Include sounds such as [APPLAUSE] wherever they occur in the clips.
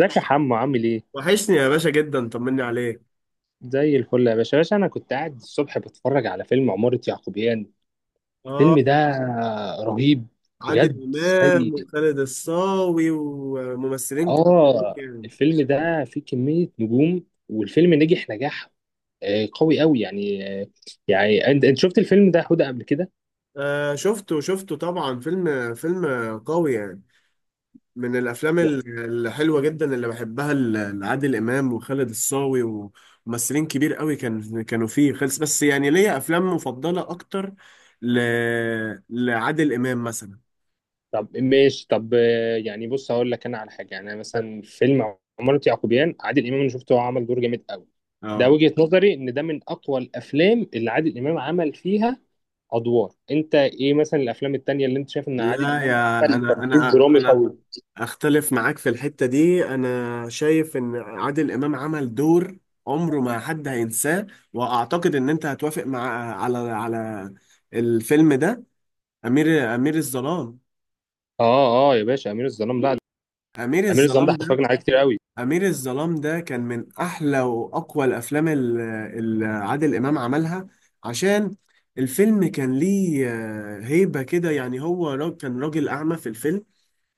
ازيك يا حمو عامل ايه؟ وحشني يا باشا جدا، طمني عليك. زي الفل يا باشا يا باشا انا كنت قاعد الصبح بتفرج على فيلم عمارة يعقوبيان. الفيلم اه. ده رهيب. بجد عادل امام سيء. وخالد الصاوي وممثلين كبار. اه. يعني الفيلم ده فيه كمية نجوم والفيلم نجح نجاح. قوي قوي يعني. يعني انت شفت الفيلم ده هدى قبل كده؟ آه شفته شفته طبعا، فيلم قوي يعني. من الافلام لا. الحلوه جدا اللي بحبها لعادل امام وخالد الصاوي وممثلين كبير قوي، كانوا فيه خلص، بس يعني ليا افلام مفضله اكتر ل... لعادل امام مثلا. طب ماشي طب يعني بص هقول لك انا على حاجة يعني مثلا فيلم عمارة يعقوبيان عادل امام انا شفته هو عمل دور جامد قوي. ده اه. وجهة نظري ان ده من اقوى الافلام اللي عادل امام عمل فيها ادوار. انت ايه مثلا الافلام التانية اللي انت شايف ان عادل لا امام يا عمل تمثيل درامي انا قوي؟ اختلف معاك في الحتة دي، انا شايف ان عادل امام عمل دور عمره ما حد هينساه، واعتقد ان انت هتوافق مع على الفيلم ده. امير الظلام. اه اه يا باشا امير الظلام. لا. امير امير الظلام ده الظلام ده، اتفرجنا عليه كتير قوي. امير الظلام ده كان من احلى واقوى الافلام اللي عادل امام عملها، عشان الفيلم كان ليه هيبة كده يعني، هو كان راجل اعمى في الفيلم،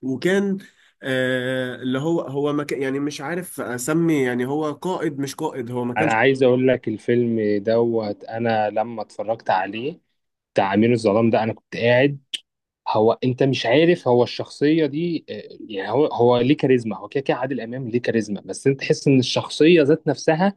وكان اللي هو ما كان يعني، مش عارف اسمي، يعني هو قائد مش قائد، هو ما انا كانش. عايز اقول لك الفيلم دوت انا لما اتفرجت عليه بتاع امير الظلام ده انا كنت قاعد. هو انت مش عارف هو الشخصيه دي. يعني هو ليه كاريزما. هو كده كده عادل امام ليه كاريزما، بس انت تحس ان الشخصيه ذات نفسها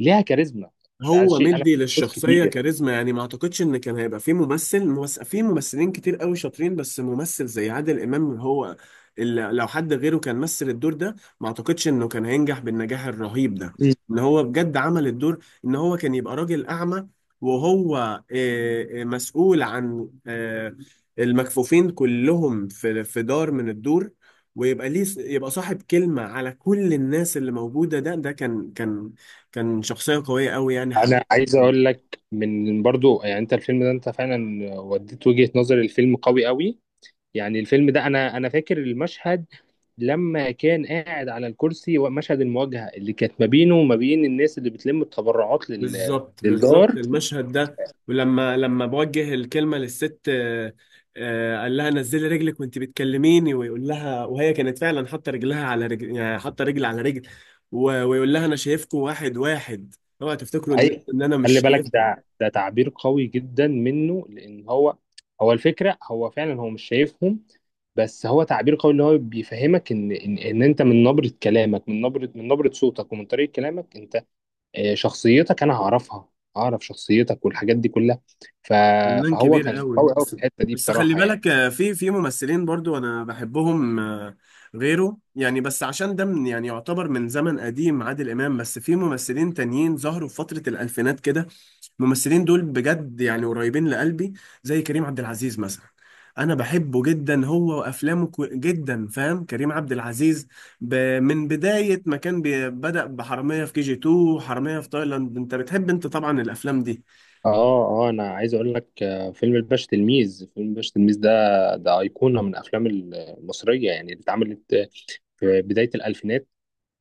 ليها كاريزما. ده هو شيء انا مدي مش للشخصية كتير. كاريزما يعني، ما اعتقدش ان كان هيبقى في في ممثلين كتير قوي شاطرين، بس ممثل زي عادل امام هو اللي لو حد غيره كان مثل الدور ده ما اعتقدش انه كان هينجح بالنجاح الرهيب ده. ان هو بجد عمل الدور، ان هو كان يبقى راجل اعمى وهو مسؤول عن المكفوفين كلهم في دار من الدور، ويبقى ليه يبقى صاحب كلمة على كل الناس اللي موجودة. ده كان كان شخصية قوية قوي يعني، انا حبيت. عايز اقول لك من برضو يعني انت الفيلم ده انت فعلا وديت وجهة نظر الفيلم قوي قوي. يعني الفيلم ده انا فاكر المشهد لما كان قاعد على الكرسي ومشهد المواجهة اللي كانت ما بينه وما بين الناس اللي بتلم التبرعات لل... بالظبط للدار. بالظبط، المشهد ده. ولما بوجه الكلمة للست، قال لها نزلي رجلك وانت بتكلميني، ويقول لها، وهي كانت فعلا حاطة رجلها على رجل، يعني حاطة رجل على رجل، ويقول لها انا شايفكم واحد واحد، اوعى تفتكروا ان اي، ان انا مش خلي بالك شايفكم. ده تعبير قوي جدا منه لان هو هو الفكرة هو فعلا هو مش شايفهم. بس هو تعبير قوي اللي هو بيفهمك إن انت من نبرة كلامك من نبرة صوتك ومن طريقة كلامك انت. شخصيتك انا هعرفها. اعرف شخصيتك والحاجات دي كلها. ف... فنان فهو كبير كان قوي قوي قوي في بس. الحته دي بس خلي بصراحه يعني. بالك في ممثلين برضو انا بحبهم غيره يعني، بس عشان ده من يعني يعتبر من زمن قديم عادل امام، بس في ممثلين تانيين ظهروا في فترة الالفينات كده. الممثلين دول بجد يعني قريبين لقلبي، زي كريم عبد العزيز مثلا. انا بحبه جدا هو وافلامه، جدا فاهم كريم عبد العزيز ب... من بداية ما كان بدأ بحرامية في كي جي 2 وحرامية في تايلاند. انت بتحب انت طبعا الافلام دي. اه اه انا عايز اقول لك فيلم الباشا تلميذ ده ده ايقونه من الافلام المصريه يعني اللي اتعملت في بدايه الالفينات.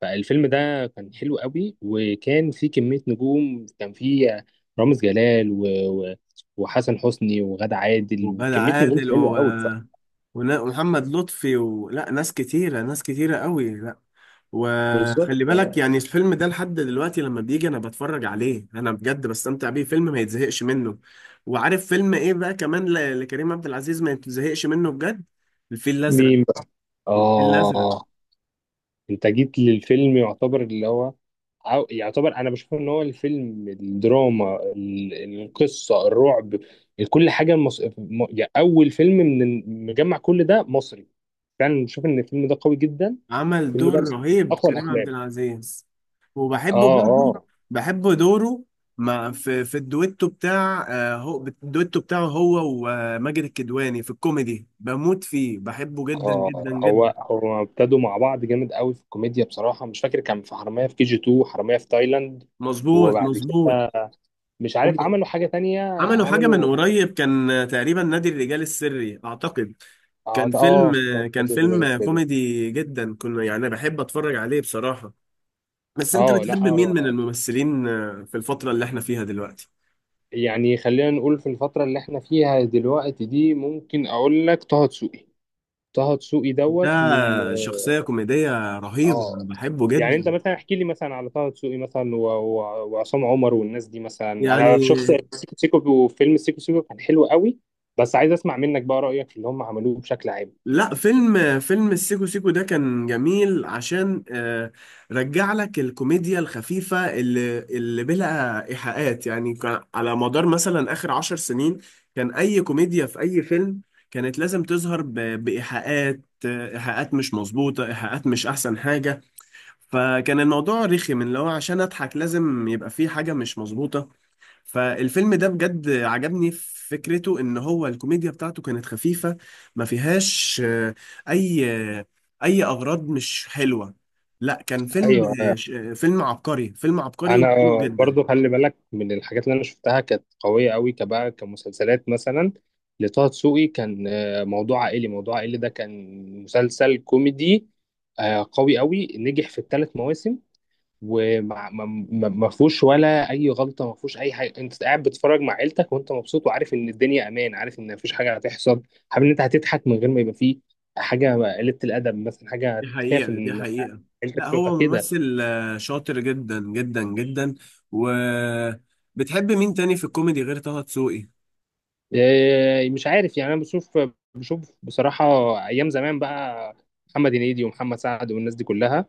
فالفيلم ده كان حلو قوي وكان فيه كميه نجوم. كان فيه رامز جلال و... و... وحسن حسني وغادة عادل وغادة وكميه نجوم عادل حلوه قوي بصراحه. ومحمد لطفي، ولا ناس ناس كتيرة قوي، لا. بالظبط. وخلي بالك يعني الفيلم ده لحد دلوقتي لما بيجي انا بتفرج عليه انا بجد بستمتع بيه، فيلم ما يتزهقش منه. وعارف فيلم ايه بقى كمان لكريم عبد العزيز ما يتزهقش منه بجد؟ الفيل الازرق. مين بقى؟ الفيل الازرق، آه. انت جيت للفيلم يعتبر اللي هو عاو- يعتبر انا بشوف ان هو الفيلم الدراما ال- القصه الرعب كل حاجه مص... م- يعني اول فيلم من مجمع كل ده مصري. فعلا بشوف ان الفيلم ده قوي جدا. عمل الفيلم ده دور من رهيب اقوى كريم الافلام. عبد العزيز. اه وبحبه برضه، اه بحب دوره مع في في الدويتو بتاع، هو الدويتو بتاعه هو وماجد الكدواني في الكوميدي، بموت فيه، بحبه جدا جدا اه هو جدا. هو ابتدوا مع بعض جامد قوي في الكوميديا بصراحه مش فاكر كان في حراميه في كي جي 2 حراميه في تايلاند. مظبوط وبعد كده مظبوط. مش هم عارف عملوا حاجه تانية عملوا حاجة من عملوا. قريب كان، تقريبا نادي الرجال السري أعتقد. اه كان آه، فيلم كان. كوميدي جدا، كنا يعني بحب أتفرج عليه بصراحة. بس أنت اه لا بتحب مين من هو- الممثلين في الفترة اللي احنا فيها دلوقتي؟ يعني خلينا نقول في الفترة اللي احنا فيها دلوقتي دي ممكن اقول لك طه دسوقي. طه دسوقي ده دوت من. شخصية كوميدية رهيبة، أنا اه، بحبه يعني انت جدا. مثلا احكي لي مثلا على طه دسوقي مثلا و- و- وعصام عمر والناس دي مثلا يعني انا شفت سيكو سيكو وفيلم سيكو سيكو كان حلو قوي. بس عايز اسمع منك بقى رأيك في اللي هم عملوه بشكل عام. لا، فيلم السيكو سيكو ده كان جميل، عشان رجع لك الكوميديا الخفيفة اللي بلا إيحاءات يعني. كان على مدار مثلا آخر عشر سنين كان أي كوميديا في أي فيلم كانت لازم تظهر بإيحاءات، إيحاءات مش مظبوطة، إيحاءات مش أحسن حاجة. فكان الموضوع رخي، من لو عشان أضحك لازم يبقى فيه حاجة مش مظبوطة. فالفيلم ده بجد عجبني في فكرته، ان هو الكوميديا بتاعته كانت خفيفة، ما فيهاش اي آه، اي اغراض مش حلوة. لا كان فيلم ايوه، فيلم عبقري انا وحلو جدا. برضو خلي بالك من الحاجات اللي انا شفتها كانت قويه قوي كبقى كمسلسلات مثلا لطه دسوقي كان. موضوع عائلي. موضوع عائلي ده كان مسلسل كوميدي قوي قوي نجح في الثلاث مواسم. وما ما ما- ما فيهوش ولا اي غلطه. ما فيهوش اي حاجه. انت قاعد بتتفرج مع عيلتك وانت مبسوط وعارف ان الدنيا امان عارف ان مفيش حاجه هتحصل. حابب ان انت هتضحك من غير ما يبقى فيه حاجه قله الادب مثلا دي حاجه تخاف حقيقة دي ان حقيقة. عيلتك لا تشوفها هو كده. ممثل شاطر جدا جدا جدا. وبتحب مين تاني في الكوميدي غير طه دسوقي؟ إيه، مش عارف يعني انا بشوف بصراحه ايام زمان بقى محمد هنيدي ومحمد سعد والناس دي كلها.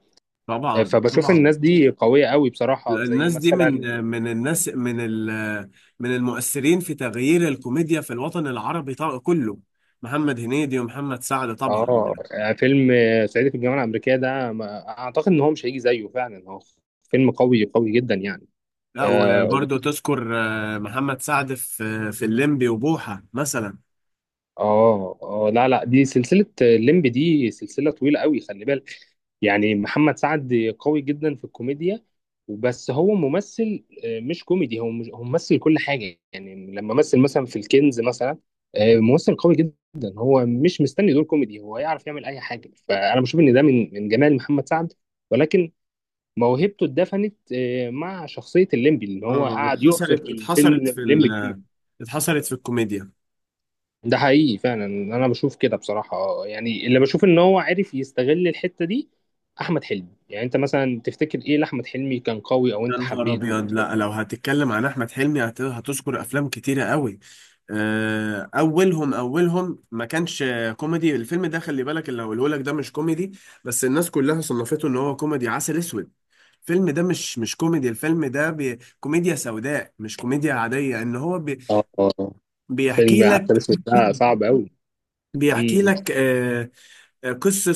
إيه، طبعا فبشوف طبعا. الناس دي قويه قوي بصراحه زي الناس دي مثلا من من المؤثرين في تغيير الكوميديا في الوطن العربي طبعا كله، محمد هنيدي ومحمد سعد طبعا. اه فيلم صعيدي في الجامعه الامريكيه ده ما- اعتقد ان هو مش هيجي زيه فعلا هو فيلم قوي قوي جدا يعني. لا اه وبرضه تذكر محمد سعد في الليمبي وبوحة مثلا. اه لا لا دي سلسله الليمب دي سلسله طويله قوي خلي بالك يعني محمد سعد قوي جدا في الكوميديا. وبس هو ممثل مش كوميدي. هو مش هو ممثل كل حاجة يعني لما مثل مثلا في الكنز مثلا ممثل قوي جدا. هو مش مستني دور كوميدي. هو يعرف يعمل أي حاجة فأنا بشوف إن ده من جمال محمد سعد. ولكن موهبته اتدفنت مع شخصية الليمبي اللي هو اه قعد يعصر اتحصرت، في الفيلم الليمبي. اتحصرت في الكوميديا. ده حقيقي فعلا انا بشوف كده بصراحه. يعني اللي بشوف ان هو عارف يستغل الحته دي. احمد حلمي يعني انت مثلا تفتكر ايه لاحمد حلمي كان قوي او يا انت نهار حبيته ابيض، في لا لو هتتكلم عن احمد حلمي هتذكر افلام كتيره قوي. اولهم ما كانش كوميدي، الفيلم ده خلي بالك اللي هقوله لك ده مش كوميدي، بس الناس كلها صنفته ان هو كوميدي. عسل اسود، الفيلم ده مش كوميدي، الفيلم ده بي كوميديا سوداء مش كوميديا عاديه، ان هو بي اه. فيلم بيحكي عسل لك اسود ده صعب قوي. بيحكي امم لك قصة،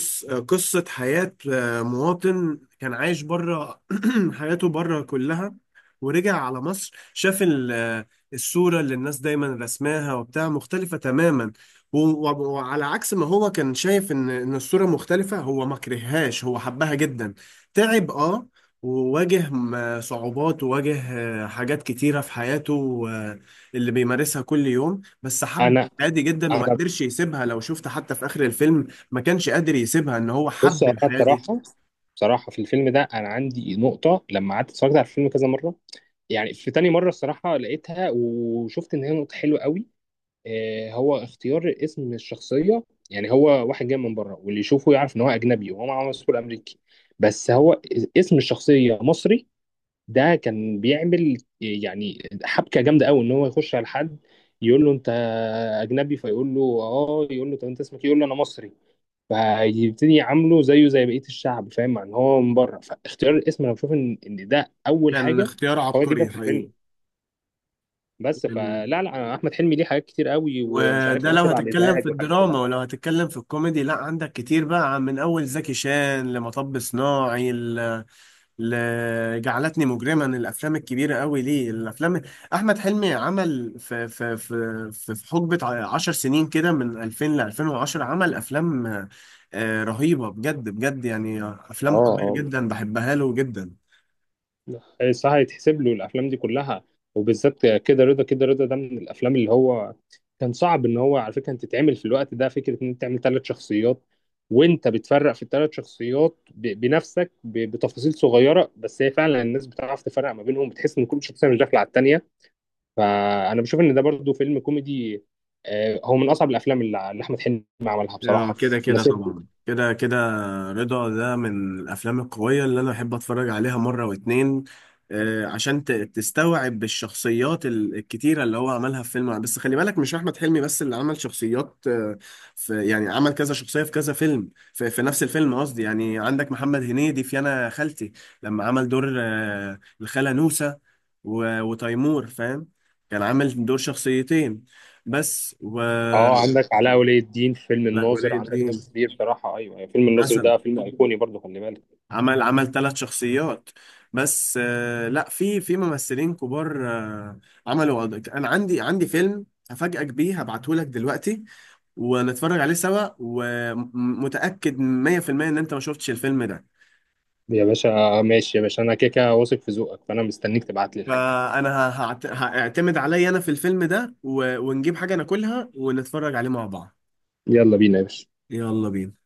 قصة حياة مواطن كان عايش بره، [CLEARS THROAT] حياته بره كلها، ورجع على مصر شاف الصورة اللي الناس دايما رسماها وبتاع مختلفة تماما. و- وعلى عكس ما هو كان شايف ان ان الصورة مختلفة هو ما كرههاش، هو حبها جدا. تعب اه، وواجه صعوبات، وواجه حاجات كتيرة في حياته اللي بيمارسها كل يوم، بس حب انا عادي جدا وما انا قدرش يسيبها. لو شفت حتى في آخر الفيلم، ما كانش قادر يسيبها، ان هو بص حب انا الحياة دي. بصراحه بصراحه في الفيلم ده انا عندي نقطه لما قعدت اتفرجت على الفيلم كذا مره. يعني في تاني مره الصراحه لقيتها وشفت ان هي نقطه حلوه قوي. هو اختيار اسم الشخصية يعني هو واحد جاي من بره واللي يشوفه يعرف ان هو اجنبي وهو معاه باسبور امريكي. بس هو اسم الشخصية مصري ده كان بيعمل يعني حبكة جامدة قوي ان هو يخش على حد يقول له انت اجنبي فيقول له اه يقول له طب انت اسمك إيه؟ يقول له انا مصري. فيبتدي يعامله زيه زي بقية الشعب فاهم مع ان هو من بره فاختيار الاسم انا بشوف إن ده اول كان حاجة اختيار قوية عبقري جدا في الحقيقة. الفيلم. بس يعني فلا لا أنا احمد حلمي ليه حاجات كتير قوي ومش عارف وده لو وقافل على هتتكلم في الازعاج والحاجات كلها. الدراما، ولو هتتكلم في الكوميدي، لا عندك كتير بقى، من اول زكي شان لمطب صناعي لجعلتني مجرما. الافلام الكبيرة قوي، ليه الافلام، احمد حلمي عمل في في في في في حقبة 10 سنين كده، من 2000 ل 2010 عمل افلام رهيبة بجد بجد يعني، افلام قوية اه جدا بحبها له جدا. اه الصراحه يتحسب له الافلام دي كلها وبالذات كده رضا. كده رضا ده من الافلام اللي هو كان صعب ان هو على فكره انت تتعمل في الوقت ده فكره ان انت تعمل ثلاث شخصيات. وانت بتفرق في الثلاث شخصيات ب- بنفسك ب- بتفاصيل صغيره بس هي فعلا الناس بتعرف تفرق ما بينهم بتحس ان كل شخصيه مش داخله على الثانيه. فانا بشوف ان ده برضو فيلم كوميدي. هو من اصعب الافلام اللي احمد حلمي عملها اه بصراحه كده في كده مسيرته. طبعا، كده كده رضا ده من الافلام القويه اللي انا بحب اتفرج عليها مره واتنين، عشان تستوعب الشخصيات الكتيره اللي هو عملها في فيلم. بس خلي بالك مش احمد حلمي بس اللي عمل شخصيات، آه، في يعني عمل كذا شخصيه في كذا فيلم، في نفس الفيلم قصدي. يعني عندك محمد هنيدي في انا خالتي، لما عمل دور الخاله نوسه وتيمور فاهم، كان عامل دور 2 بس. اه عندك علاء ولي الدين في فيلم لا الناظر. ولي عندك الدين ناس كتير بصراحه ايوه أيوة. فيلم الناظر مثلا ده فيلم ايقوني برضه خلي بالك. عمل 3 شخصيات بس. آه لا في في ممثلين كبار آه عملوا انا عندي فيلم هفاجئك بيه، هبعته لك دلوقتي ونتفرج عليه سوا، ومتأكد 100% ان انت ما شفتش الفيلم ده. يا باشا ماشي يا باشا انا كده كده واثق في ذوقك فانا مستنيك تبعت لي الحاجه. فانا هعتمد عليا انا في الفيلم ده، ونجيب حاجة ناكلها ونتفرج عليه مع بعض. يلا بينا يا باشا. يلا بينا.